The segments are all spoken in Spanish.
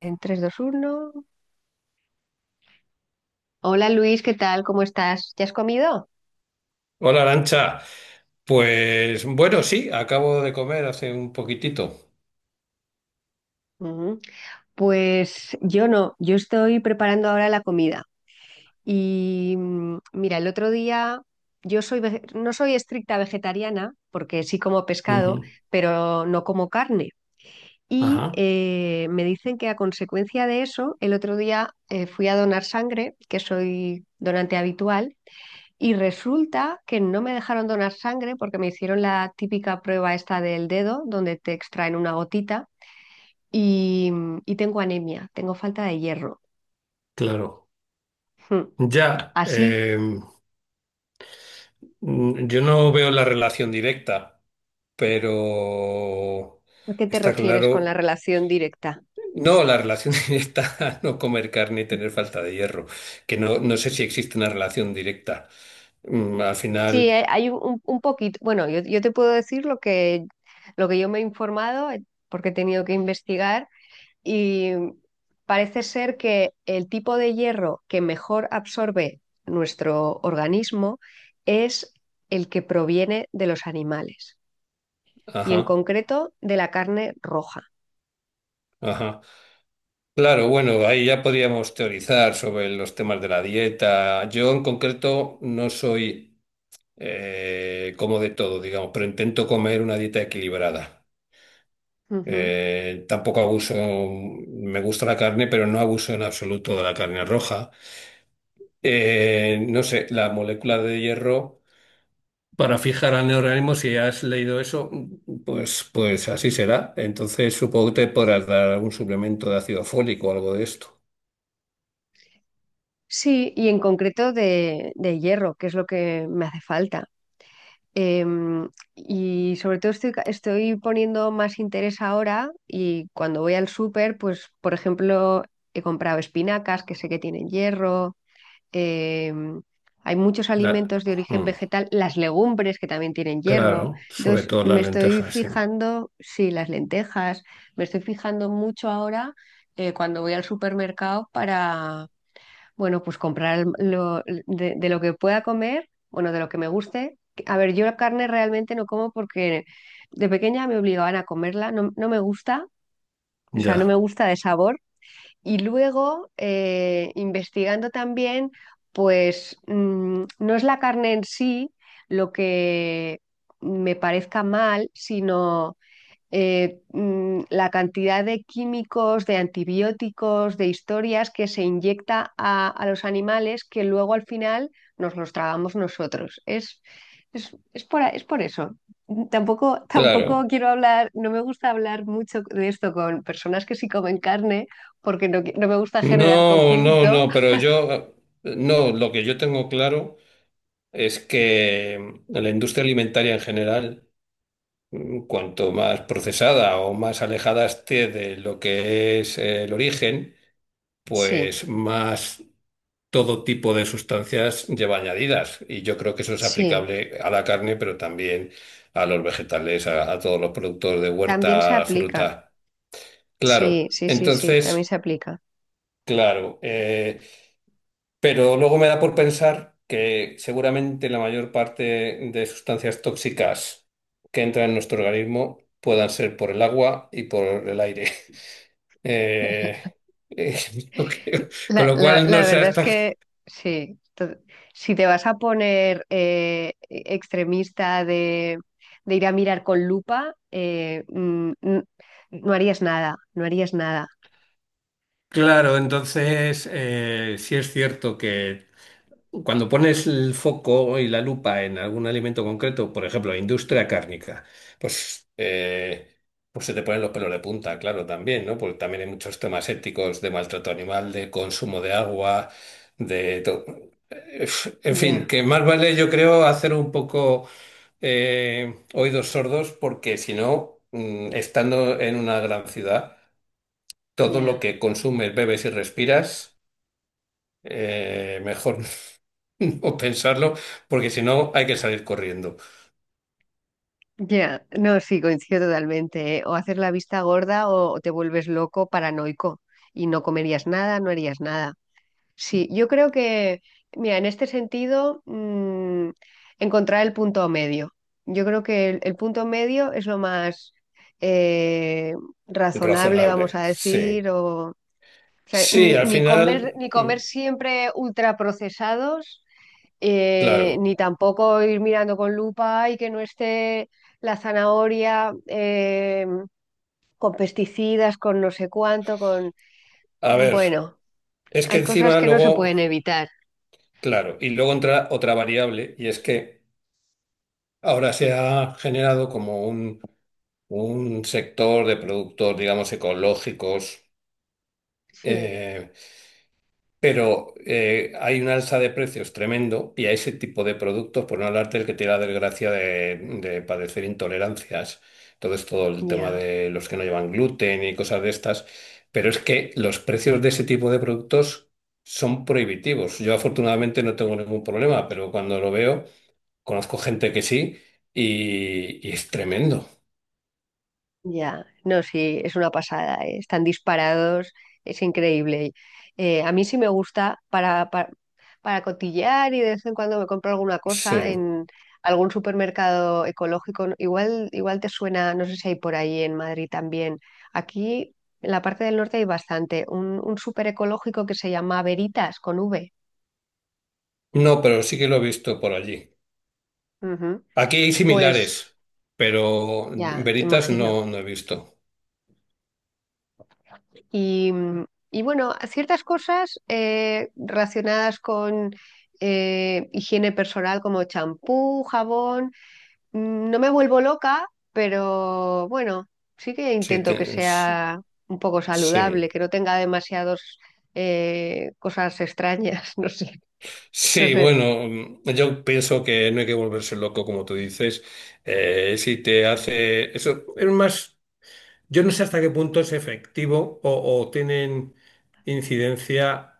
En tres, dos, uno. Hola Luis, ¿qué tal? ¿Cómo estás? ¿Ya has comido? Hola, Arancha. Pues bueno, sí, acabo de comer hace un poquitito. Ujú. Pues yo no, yo estoy preparando ahora la comida. Y mira, el otro día no soy estricta vegetariana porque sí como pescado, Ujú. pero no como carne. Y Ajá. Me dicen que a consecuencia de eso, el otro día fui a donar sangre, que soy donante habitual, y resulta que no me dejaron donar sangre porque me hicieron la típica prueba esta del dedo, donde te extraen una gotita y tengo anemia, tengo falta de hierro. Claro. Hmm. Ya, Así, yo no veo la relación directa, pero ¿a qué te está refieres con la claro. relación directa? No, la relación directa, no comer carne y tener falta de hierro, que no sé si existe una relación directa. Al Sí, final, hay un poquito. Bueno, yo te puedo decir lo que yo me he informado, porque he tenido que investigar, y parece ser que el tipo de hierro que mejor absorbe nuestro organismo es el que proviene de los animales y en ajá, concreto de la carne roja. ajá. Claro, bueno, ahí ya podríamos teorizar sobre los temas de la dieta. Yo en concreto no soy como de todo, digamos, pero intento comer una dieta equilibrada. Ujú. Tampoco abuso, me gusta la carne, pero no abuso en absoluto de la carne roja. No sé, la molécula de hierro para fijar al neorganismo, si has leído eso, pues así será. Entonces supongo que te podrás dar algún suplemento de ácido fólico o algo de esto. Sí, y en concreto de hierro, que es lo que me hace falta. Em, y sobre todo estoy poniendo más interés ahora, y cuando voy al súper, pues por ejemplo, he comprado espinacas que sé que tienen hierro. eh, Hay muchos La- alimentos de origen hmm. vegetal, las legumbres que también tienen hierro. Claro, sobre Entonces, todo las me estoy lentejas, sí. fijando, sí, las lentejas, me estoy fijando mucho ahora, cuando voy al supermercado para, bueno, pues comprar de lo que pueda comer, bueno, de lo que me guste. A ver, yo la carne realmente no como porque de pequeña me obligaban a comerla, no, no me gusta, o sea, no me Ya. gusta de sabor. Y luego, investigando también, pues no es la carne en sí lo que me parezca mal, sino la cantidad de químicos, de antibióticos, de historias que se inyecta a los animales, que luego al final nos los tragamos nosotros. Es por eso. Tampoco tampoco Claro. quiero hablar, no me gusta hablar mucho de esto con personas que sí comen carne, porque no me gusta generar No, no, conflicto. no, pero yo, no, lo que yo tengo claro es que la industria alimentaria en general, cuanto más procesada o más alejada esté de lo que es el origen, Sí, pues más todo tipo de sustancias lleva añadidas. Y yo creo que eso es sí, aplicable a la carne, pero también a los vegetales, a todos los productos de también se huerta, aplica. fruta. Claro, Sí, sí, sí, sí, también entonces, se aplica. claro, pero luego me da por pensar que seguramente la mayor parte de sustancias tóxicas que entran en nuestro organismo puedan ser por el agua y por el aire. Eh, eh, con La, lo la- cual no la sé verdad es hasta qué. que sí. Si te vas a poner extremista de ir a mirar con lupa, no harías nada, no harías nada. Claro, entonces, sí es cierto. Cuando pones el foco y la lupa en algún alimento concreto, por ejemplo, industria cárnica, pues, eh, pues se te ponen los pelos de punta, claro, también, ¿no? Porque también hay muchos temas éticos de maltrato animal, de consumo de agua, de to- eh, en fin, Ya, que más vale, yo creo, hacer un poco oídos sordos, porque si no, estando en una gran ciudad, todo lo ya, que consumes, bebes y respiras, mejor o pensarlo, porque si no hay que salir corriendo. ya. No, sí, coincido totalmente, ¿eh? O haces la vista gorda o te vuelves loco, paranoico, y no comerías nada, no harías nada. Sí, yo creo que, mira, en este sentido, mm, encontrar el punto medio. Yo creo que el punto medio es lo más eh, razonable, vamos Razonable, a decir, sí. o, o sea, Sí, ni, al ni comer, final, ni comer siempre ultraprocesados, claro. ni tampoco ir mirando con lupa y que no esté la zanahoria, con pesticidas, con no sé cuánto, con... A ver, Bueno, es que hay cosas encima que no se luego, pueden evitar. claro, y luego entra otra variable, y es que ahora se ha generado como un sector de productos, digamos, ecológicos. Sí. eh, Pero hay un alza de precios tremendo y a ese tipo de productos, por no hablar del que tiene la desgracia de padecer intolerancias, entonces todo el tema Ya, de los que no llevan gluten y cosas de estas, pero es que los precios de ese tipo de productos son prohibitivos. Yo afortunadamente no tengo ningún problema, pero cuando lo veo, conozco gente que sí y es tremendo. ya. No, sí, es una pasada, ¿eh? Están disparados, es increíble. A mí sí me gusta para, para cotillear, y de vez en cuando me compro alguna Sí. cosa en algún supermercado ecológico, ¿no? Igual te suena, no sé si hay por ahí en Madrid también. Aquí en la parte del norte hay bastante. Un súper ecológico que se llama Veritas con V. No, pero sí que lo he visto por allí. Ujú. Aquí hay Pues similares, pero ya, veritas imagino. no he visto. Y, mm, y bueno, ciertas cosas, relacionadas con, higiene personal, como champú, jabón, no me vuelvo loca, pero bueno, sí que Sí, intento que sea un poco sí. saludable, que no tenga demasiadas cosas extrañas, no sé, no Sí, sé. bueno, yo pienso que no hay que volverse loco, como tú dices. Si te hace. Eso es más. Yo no sé hasta qué punto es efectivo o tienen incidencia.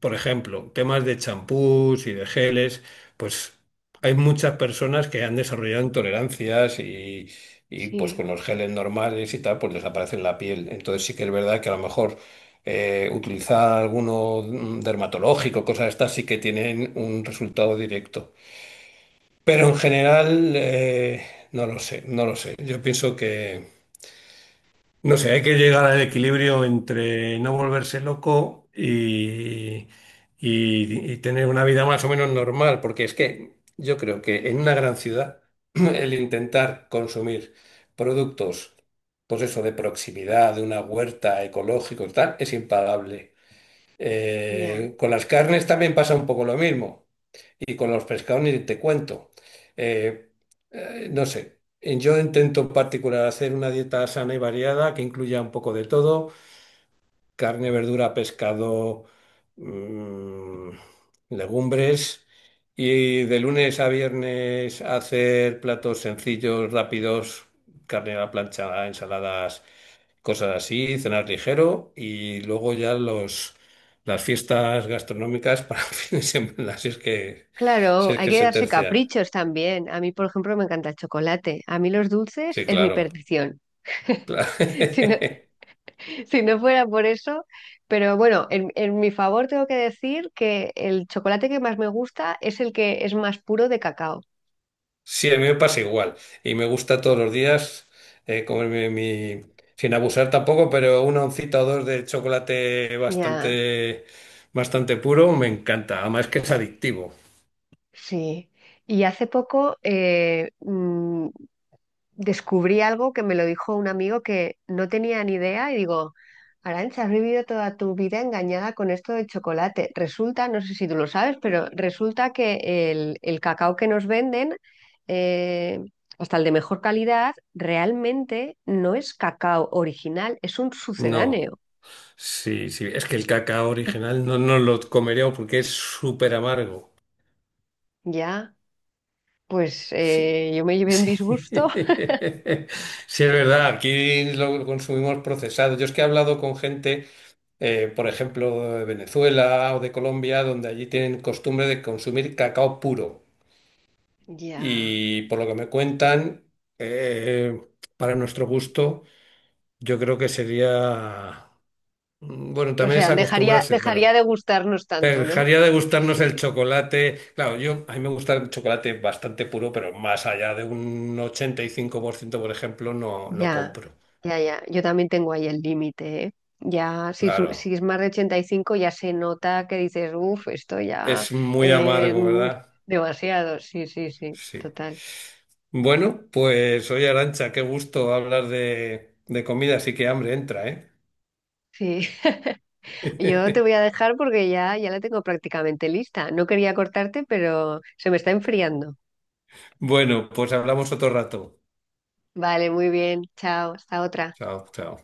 Por ejemplo, temas de champús y de geles, pues hay muchas personas que han desarrollado intolerancias y, pues Sí, con los geles normales y tal, pues desaparecen la piel. Entonces sí que es verdad que a lo mejor utilizar alguno dermatológico, cosas estas, sí que tienen un resultado directo. Pero en general, no lo sé, no lo sé. Yo pienso que... No sé, hay que llegar al equilibrio entre no volverse loco y tener una vida más o menos normal, porque es que yo creo que en una gran ciudad el intentar consumir productos, pues eso, de proximidad, de una huerta ecológico y tal, es impagable. ya. Con las carnes también pasa un poco lo mismo. Y con los pescados ni te cuento. Eh, no sé, yo intento en particular hacer una dieta sana y variada que incluya un poco de todo carne, verdura, pescado, mm, legumbres. Y de lunes a viernes hacer platos sencillos, rápidos, carne a la plancha, ensaladas, cosas así, cenar ligero. Y luego ya las fiestas gastronómicas para el fin de semana, si es que, si Claro, es hay que que se darse tercian. caprichos también. A mí, por ejemplo, me encanta el chocolate. A mí los dulces Sí, es mi claro. perdición. Claro. Si no- Si no fuera por eso, pero bueno, en mi favor tengo que decir que el chocolate que más me gusta es el que es más puro de cacao. Sí, a mí me pasa igual. Y me gusta todos los días comerme mi, sin abusar tampoco, pero una oncita o dos de chocolate Ya, bastante, bastante puro me encanta. Además que es adictivo. sí. Y hace poco, descubrí algo que me lo dijo un amigo que no tenía ni idea, y digo, Arantxa, has vivido toda tu vida engañada con esto del chocolate. Resulta, no sé si tú lo sabes, pero resulta que el cacao que nos venden, eh, hasta el de mejor calidad, realmente no es cacao original, es un No, sucedáneo. sí, sí. Es que el cacao original no lo comeríamos porque es súper amargo. Ya, pues Sí, yo me llevé un sí. disgusto. Sí, es verdad. Aquí lo consumimos procesado. Yo es que he hablado con gente por ejemplo, de Venezuela o de Colombia, donde allí tienen costumbre de consumir cacao puro. Ya. Y por lo que me cuentan, eh, para nuestro gusto, yo creo que sería, bueno, O también es sea, dejaría, acostumbrarse, dejaría pero de gustarnos pero tanto, ¿no? dejaría de gustarnos el chocolate. Claro, yo a mí me gusta el chocolate bastante puro, pero más allá de un 85%, por ejemplo, no Ya, compro. ya, ya. Yo también tengo ahí el límite, ¿eh? Ya, si Claro, es más de 85, ya se nota que dices, uff, esto ya es muy eh, amargo, mm, ¿verdad? demasiado. Sí, sí, sí, Sí. total. Bueno, pues oye Arancha, qué gusto hablar de comida, así que hambre entra, ¿eh? Sí, yo te voy a dejar porque ya la tengo prácticamente lista. No quería cortarte, pero se me está enfriando. Bueno, pues hablamos otro rato. Vale, muy bien. Chao, hasta otra. Chao, chao.